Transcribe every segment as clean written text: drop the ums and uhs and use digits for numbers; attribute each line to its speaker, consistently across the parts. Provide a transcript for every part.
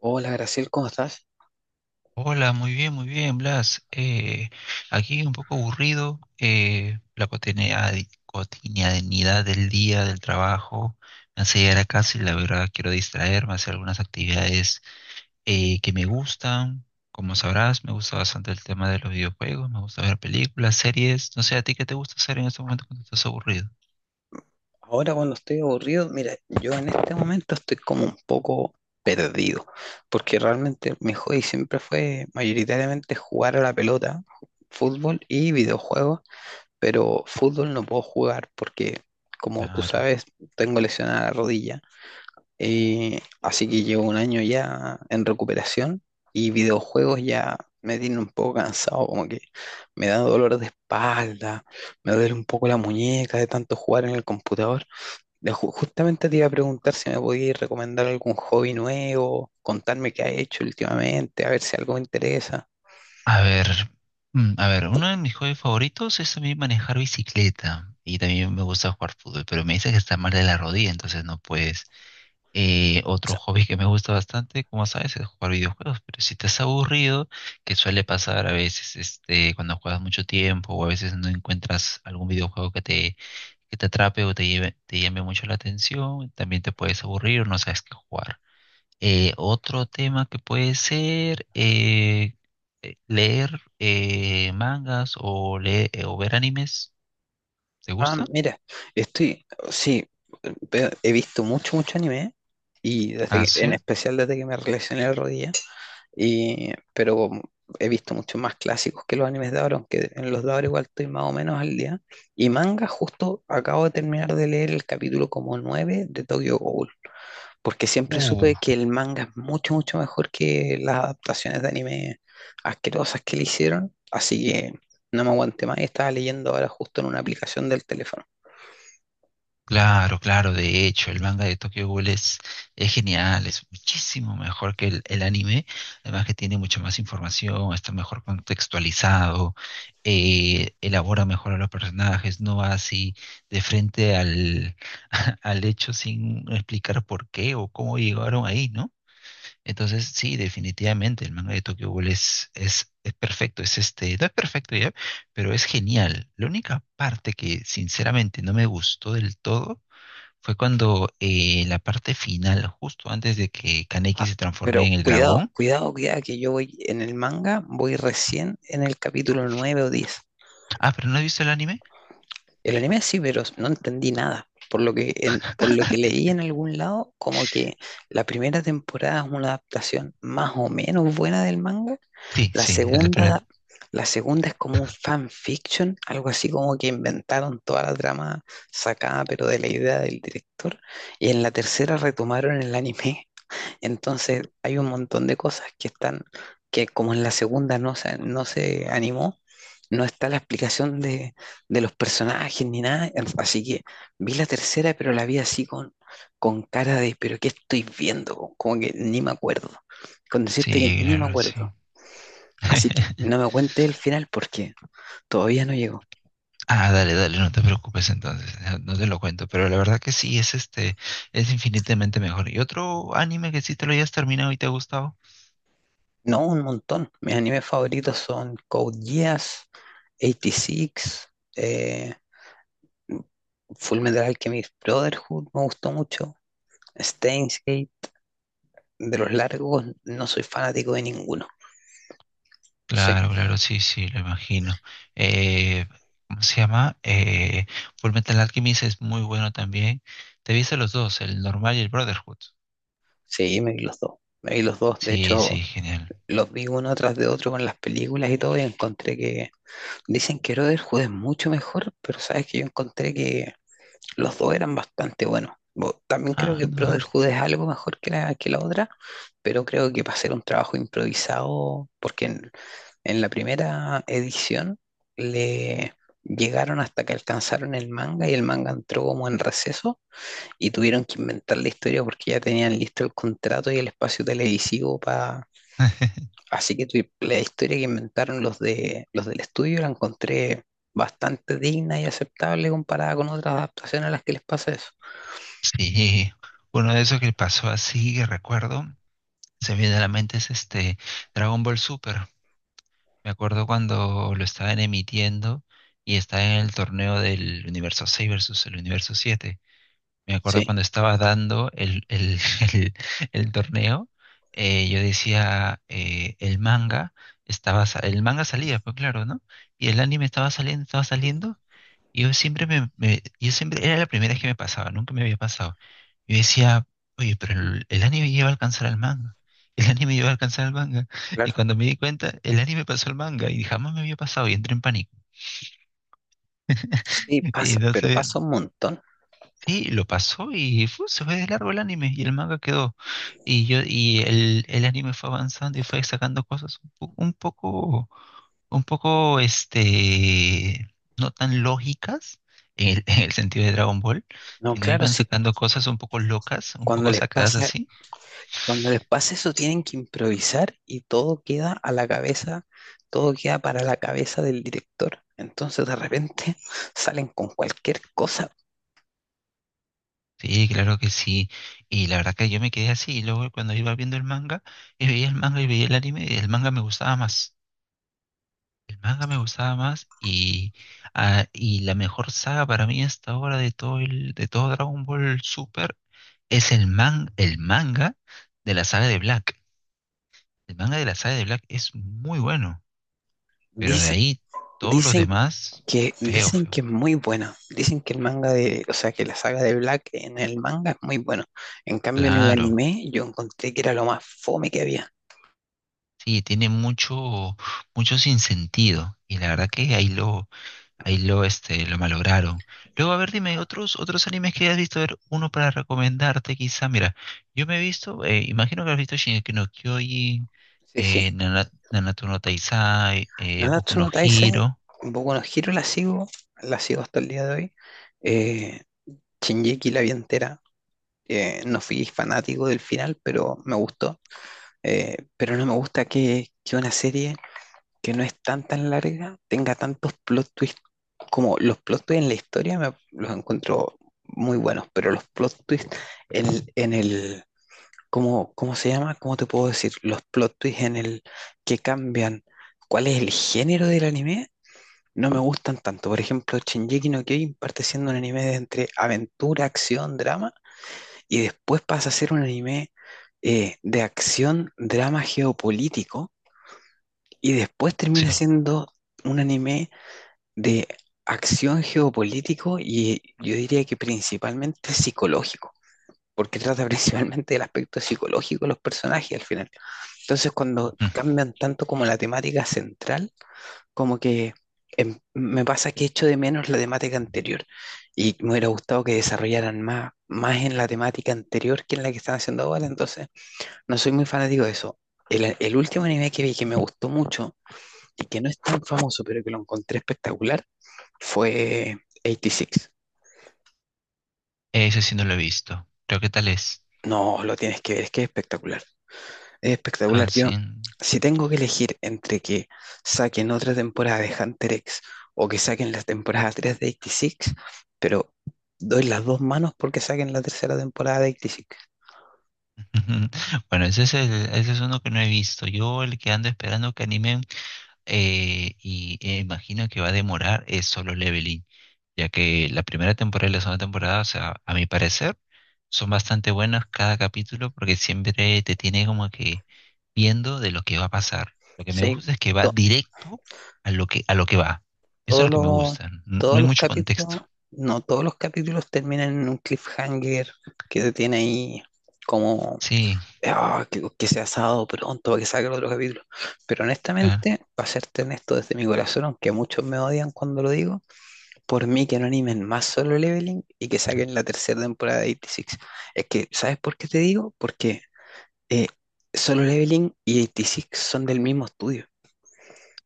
Speaker 1: Hola Graciel, ¿cómo estás?
Speaker 2: Hola, muy bien, Blas. Aquí un poco aburrido, la cotidianidad del día, del trabajo, me hace llegar a casa y la verdad quiero distraerme, hacer algunas actividades que me gustan. Como sabrás, me gusta bastante el tema de los videojuegos, me gusta ver películas, series. No sé, ¿a ti qué te gusta hacer en este momento cuando estás aburrido?
Speaker 1: Ahora cuando estoy aburrido, mira, yo en este momento estoy como un poco perdido, porque realmente mi hobby siempre fue mayoritariamente jugar a la pelota, fútbol y videojuegos, pero fútbol no puedo jugar porque, como tú
Speaker 2: Claro.
Speaker 1: sabes, tengo lesionada la rodilla. Así que llevo un año ya en recuperación y videojuegos ya me tienen un poco cansado, como que me da dolor de espalda, me duele un poco la muñeca de tanto jugar en el computador. Justamente te iba a preguntar si me podías recomendar algún hobby nuevo, contarme qué has hecho últimamente, a ver si algo me interesa.
Speaker 2: A ver, a ver, uno de mis hobbies favoritos es también manejar bicicleta y también me gusta jugar fútbol, pero me dice que está mal de la rodilla, entonces no puedes.
Speaker 1: O
Speaker 2: Otro
Speaker 1: sea,
Speaker 2: hobby que me gusta bastante, como sabes, es jugar videojuegos, pero si estás aburrido, que suele pasar a veces, este, cuando juegas mucho tiempo o a veces no encuentras algún videojuego que te atrape o te lleve, te llame mucho la atención, también te puedes aburrir o no sabes qué jugar. Otro tema que puede ser leer mangas o, leer, o ver animes. ¿Te
Speaker 1: ah,
Speaker 2: gusta?
Speaker 1: mira, estoy, sí, he visto mucho, mucho anime y
Speaker 2: Ah,
Speaker 1: en
Speaker 2: sí.
Speaker 1: especial desde que me relacioné al rodilla. Y, pero como he visto muchos más clásicos que los animes de ahora, aunque en los de ahora igual estoy más o menos al día. Y manga, justo acabo de terminar de leer el capítulo como 9 de Tokyo Ghoul, porque siempre
Speaker 2: Uh,
Speaker 1: supe que el manga es mucho, mucho mejor que las adaptaciones de anime asquerosas que le hicieron. Así que no me aguanté más y estaba leyendo ahora justo en una aplicación del teléfono.
Speaker 2: claro, claro. De hecho, el manga de Tokyo Ghoul es genial, es muchísimo mejor que el anime. Además que tiene mucha más información, está mejor contextualizado, elabora mejor a los personajes, no va así de frente al, al hecho sin explicar por qué o cómo llegaron ahí, ¿no? Entonces, sí, definitivamente, el manga de Tokyo Ghoul es perfecto, es este, no es perfecto ya, pero es genial. La única parte que sinceramente no me gustó del todo fue cuando la parte final, justo antes de que Kaneki
Speaker 1: Ah,
Speaker 2: se transforme
Speaker 1: pero
Speaker 2: en el
Speaker 1: cuidado,
Speaker 2: dragón.
Speaker 1: cuidado, cuidado, que yo voy en el manga, voy recién en el capítulo 9 o 10.
Speaker 2: Ah, pero ¿no has visto el anime?
Speaker 1: El anime sí, pero no entendí nada. Por lo que, por lo que leí en algún lado, como que la primera temporada es una adaptación más o menos buena del manga.
Speaker 2: Sí,
Speaker 1: La
Speaker 2: sí, el de
Speaker 1: segunda,
Speaker 2: primer.
Speaker 1: da- la segunda es como un fanfiction, algo así como que inventaron toda la trama sacada, pero de la idea del director. Y en la tercera retomaron el anime. Entonces hay un montón de cosas que están, que como en la segunda no se animó, no está la explicación de los personajes ni nada. Así que vi la tercera, pero la vi así con cara de, pero ¿qué estoy viendo? Como que ni me acuerdo. Con decirte que
Speaker 2: Sí,
Speaker 1: ni me
Speaker 2: claro, sí.
Speaker 1: acuerdo. Así que no me cuente el final porque todavía no llegó.
Speaker 2: Ah, dale, dale, no te preocupes entonces, no te lo cuento, pero la verdad que sí, es este, es infinitamente mejor. ¿Y otro anime que sí te lo hayas terminado y te ha gustado?
Speaker 1: No, un montón. Mis animes favoritos son Code Geass, 86, eh, Fullmetal Alchemist Brotherhood me gustó mucho. Steins Gate, de los largos, no soy fanático de ninguno. Sí,
Speaker 2: Claro, claro, sí, sí, lo imagino. Eh, ¿Cómo se llama? Fullmetal Alchemist es muy bueno también. Te viste los dos, el normal y el Brotherhood.
Speaker 1: sí, me vi los dos. Me vi los dos, de
Speaker 2: Sí, sí,
Speaker 1: hecho,
Speaker 2: genial.
Speaker 1: los vi uno tras de otro con las películas y todo, y encontré que. Dicen que Brotherhood es mucho mejor, pero sabes que yo encontré que los dos eran bastante buenos. También creo que
Speaker 2: Ah, no.
Speaker 1: Brotherhood es algo mejor que que la otra, pero creo que para hacer un trabajo improvisado, porque en la primera edición le llegaron hasta que alcanzaron el manga y el manga entró como en receso y tuvieron que inventar la historia porque ya tenían listo el contrato y el espacio televisivo para... Así que la historia que inventaron los de los del estudio la encontré bastante digna y aceptable comparada con otras adaptaciones a las que les pasa eso.
Speaker 2: Sí, uno de esos que pasó así, que recuerdo, se me viene a la mente es este Dragon Ball Super. Me acuerdo cuando lo estaban emitiendo y estaba en el torneo del universo 6 versus el universo 7. Me acuerdo
Speaker 1: Sí,
Speaker 2: cuando estaba dando el- el torneo, yo decía, el manga estaba, sa- el manga salía, pues claro, ¿no? Y el anime estaba saliendo, y yo yo siempre, era la primera vez que me pasaba, nunca me había pasado. Yo decía, oye, pero el anime lleva a alcanzar al manga, el anime lleva a alcanzar al manga, y
Speaker 1: claro.
Speaker 2: cuando me di cuenta, el anime pasó al manga, y jamás me había pasado, y entré en pánico.
Speaker 1: Sí,
Speaker 2: Y
Speaker 1: pasa, pero
Speaker 2: entonces
Speaker 1: pasa un montón.
Speaker 2: sí, lo pasó y fu, se fue de largo el anime y el manga quedó. Y yo, y el anime fue avanzando y fue sacando cosas un, po- un poco, este, no tan lógicas en el, en el sentido de Dragon Ball,
Speaker 1: No,
Speaker 2: sino
Speaker 1: claro,
Speaker 2: iban
Speaker 1: sí,
Speaker 2: sacando cosas un poco locas, un
Speaker 1: cuando
Speaker 2: poco
Speaker 1: les
Speaker 2: sacadas
Speaker 1: pasa
Speaker 2: así.
Speaker 1: cuando les pasa eso, tienen que improvisar y todo queda a la cabeza, todo queda para la cabeza del director. Entonces, de repente, salen con cualquier cosa.
Speaker 2: Sí, claro que sí. Y la verdad que yo me quedé así. Y luego cuando iba viendo el manga, y veía el manga y veía el anime, el manga me gustaba más. El manga me gustaba más y, ah, y la mejor saga para mí hasta ahora de todo el, de todo Dragon Ball Super es el man, el manga de la saga de Black. El manga de la saga de Black es muy bueno, pero de
Speaker 1: Dice-
Speaker 2: ahí todos los
Speaker 1: dicen
Speaker 2: demás, feo,
Speaker 1: dicen que
Speaker 2: feo.
Speaker 1: es muy buena. Dicen que el manga de, o sea, que la saga de Black en el manga es muy buena. En cambio, en el
Speaker 2: Claro,
Speaker 1: anime, yo encontré que era lo más fome que había.
Speaker 2: sí, tiene mucho, mucho sinsentido. Y la verdad que ahí lo, ahí lo, este, lo malograron. Luego, a ver, dime, otros, otros animes que hayas visto, a ver, uno para recomendarte quizá. Mira, yo me he visto, imagino que has visto Shingeki no Kyojin,
Speaker 1: Sí, sí.
Speaker 2: Nanatsu no Taizai, Boku
Speaker 1: Nanatsu
Speaker 2: no
Speaker 1: no Taizai,
Speaker 2: Hero.
Speaker 1: un poco no giro la sigo hasta el día de hoy. Eh, Shingeki la vi entera. No fui fanático del final, pero me gustó. Pero no me gusta que una serie que no es tan tan larga tenga tantos plot twists como los plot twists en la historia me, los encuentro muy buenos, pero los plot twists en, en el, ¿cómo, cómo se llama? ¿Cómo te puedo decir? Los plot twists en el que cambian cuál es el género del anime, no me gustan tanto. Por ejemplo, Shingeki no Kyojin parte siendo un anime de entre aventura, acción, drama, y después pasa a ser un anime de acción, drama geopolítico, y después
Speaker 2: Sí,
Speaker 1: termina siendo un anime de acción geopolítico y yo diría que principalmente psicológico, porque trata principalmente del aspecto psicológico de los personajes al final. Entonces cuando
Speaker 2: ujú.
Speaker 1: cambian tanto como la temática central, como que em, me pasa que echo de menos la temática anterior y me hubiera gustado que desarrollaran más, más en la temática anterior que en la que están haciendo ahora, entonces no soy muy fanático de eso. El último anime que vi que me gustó mucho y que no es tan famoso, pero que lo encontré espectacular, fue 86.
Speaker 2: Ese sí no lo he visto. Creo que tal es.
Speaker 1: No, lo tienes que ver, es que es espectacular. Es espectacular.
Speaker 2: Ah, sí.
Speaker 1: Yo, si tengo que elegir entre que saquen otra temporada de Hunter X o que saquen la temporada 3 de 86, pero doy las dos manos porque saquen la tercera temporada de 86.
Speaker 2: Bueno, ese es, el- ese es uno que no he visto. Yo el que ando esperando que animen imagino que va a demorar es Solo Leveling. Ya que la primera temporada y la segunda temporada, o sea, a mi parecer, son bastante buenas cada capítulo porque siempre te tiene como que viendo de lo que va a pasar. Lo que me
Speaker 1: Sí,
Speaker 2: gusta es que va directo a lo que va. Eso es
Speaker 1: Todos
Speaker 2: lo que me
Speaker 1: los,
Speaker 2: gusta. N- No
Speaker 1: todos
Speaker 2: hay
Speaker 1: los
Speaker 2: mucho contexto.
Speaker 1: capítulos, no, todos los capítulos terminan en un cliffhanger que te tiene ahí como:
Speaker 2: Sí,
Speaker 1: "Ah, que sea sábado pronto para que salga el otro capítulo." Pero
Speaker 2: claro.
Speaker 1: honestamente, para serte honesto desde mi corazón, aunque muchos me odian cuando lo digo, por mí que no animen más Solo Leveling y que saquen la tercera temporada de 86. Es que, ¿sabes por qué te digo? Porque eh, Solo Leveling y 86 son del mismo estudio.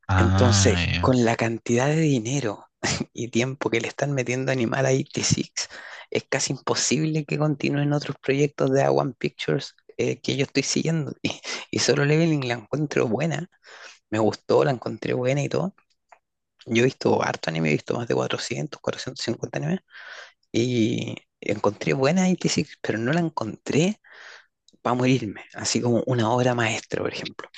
Speaker 2: Ah,
Speaker 1: Entonces,
Speaker 2: ya.
Speaker 1: con la cantidad de dinero y tiempo que le están metiendo a Animal 86, es casi imposible que continúen otros proyectos de A1 Pictures que yo estoy siguiendo. Y solo Leveling la encuentro buena. Me gustó, la encontré buena y todo. Yo he visto harto anime, he visto más de 400, 450 animes. Y encontré buena 86, pero no la encontré para morirme. Así como una obra maestra, por ejemplo.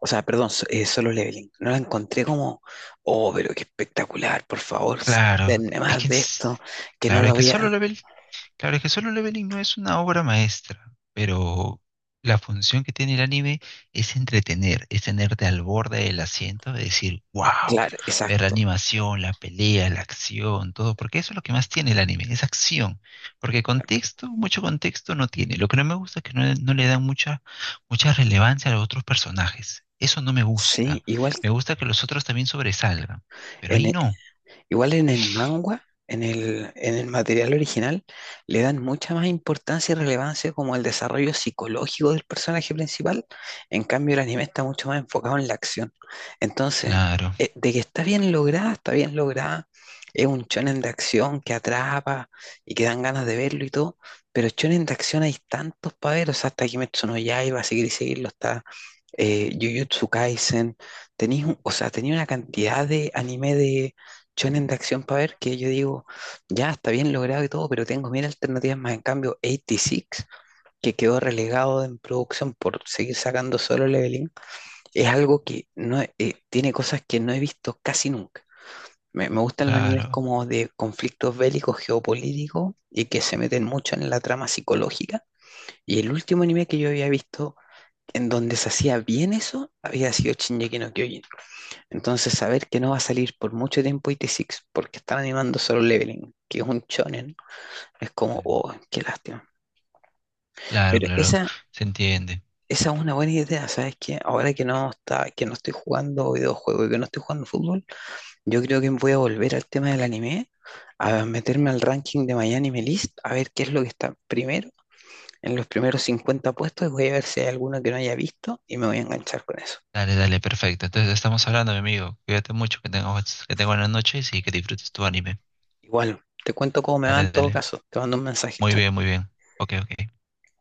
Speaker 1: O sea, perdón, solo leveling. No la encontré como, oh, pero qué espectacular, por favor,
Speaker 2: Claro.
Speaker 1: denme
Speaker 2: Es
Speaker 1: más
Speaker 2: que,
Speaker 1: de esto,
Speaker 2: es-
Speaker 1: que no
Speaker 2: claro,
Speaker 1: lo
Speaker 2: es que solo
Speaker 1: había.
Speaker 2: lo ve. Claro, es que Solo Leveling no es una obra maestra, pero la función que tiene el anime es entretener, es tenerte al borde del asiento, de decir, wow,
Speaker 1: Claro,
Speaker 2: ver la
Speaker 1: exacto.
Speaker 2: animación, la pelea, la acción, todo, porque eso es lo que más tiene el anime, es acción, porque contexto, mucho contexto no tiene. Lo que no me gusta es que no le dan mucha relevancia a los otros personajes. Eso no me
Speaker 1: Sí,
Speaker 2: gusta.
Speaker 1: igual
Speaker 2: Me gusta que los otros también sobresalgan, pero
Speaker 1: en,
Speaker 2: ahí
Speaker 1: e,
Speaker 2: no.
Speaker 1: Igual en el manga, en el material original, le dan mucha más importancia y relevancia como el desarrollo psicológico del personaje principal. En cambio, el anime está mucho más enfocado en la acción. Entonces,
Speaker 2: Claro,
Speaker 1: de que está bien lograda, está bien lograda. Es un shonen de acción que atrapa y que dan ganas de verlo y todo. Pero shonen de acción hay tantos para ver. O sea, hasta Kimetsu no Yaiba, seguir y seguirlo, está Jujutsu Kaisen. Tenéis, un- o sea, tenía una cantidad de anime de shonen de acción para ver que yo digo, ya está bien logrado y todo, pero tengo mil alternativas más. En cambio, 86, que quedó relegado en producción por seguir sacando solo leveling, es algo que no he- tiene cosas que no he visto casi nunca. Me gustan los animes
Speaker 2: claro,
Speaker 1: como de conflictos bélicos, geopolíticos y que se meten mucho en la trama psicológica. Y el último anime que yo había visto en donde se hacía bien eso había sido Shingeki no Kyojin. Entonces saber que no va a salir por mucho tiempo I t 6 porque están animando solo Leveling, que es un shonen, es como,
Speaker 2: claro,
Speaker 1: oh, qué lástima.
Speaker 2: claro,
Speaker 1: Pero
Speaker 2: claro,
Speaker 1: esa,
Speaker 2: se entiende.
Speaker 1: esa es una buena idea, ¿sabes qué? Ahora que no está, que no estoy jugando videojuegos y que no estoy jugando fútbol, yo creo que voy a volver al tema del anime, a meterme al ranking de My Anime List, a ver qué es lo que está primero, en los primeros 50 puestos, y voy a ver si hay alguno que no haya visto y me voy a enganchar con eso.
Speaker 2: Dale, dale, perfecto. Entonces estamos hablando, mi amigo. Cuídate mucho, que tengas buenas noches y que disfrutes tu anime.
Speaker 1: Igual, te cuento cómo me va en
Speaker 2: Dale,
Speaker 1: todo
Speaker 2: dale.
Speaker 1: caso, te mando un mensaje,
Speaker 2: Muy
Speaker 1: chao.
Speaker 2: bien, muy bien. Ok, ok.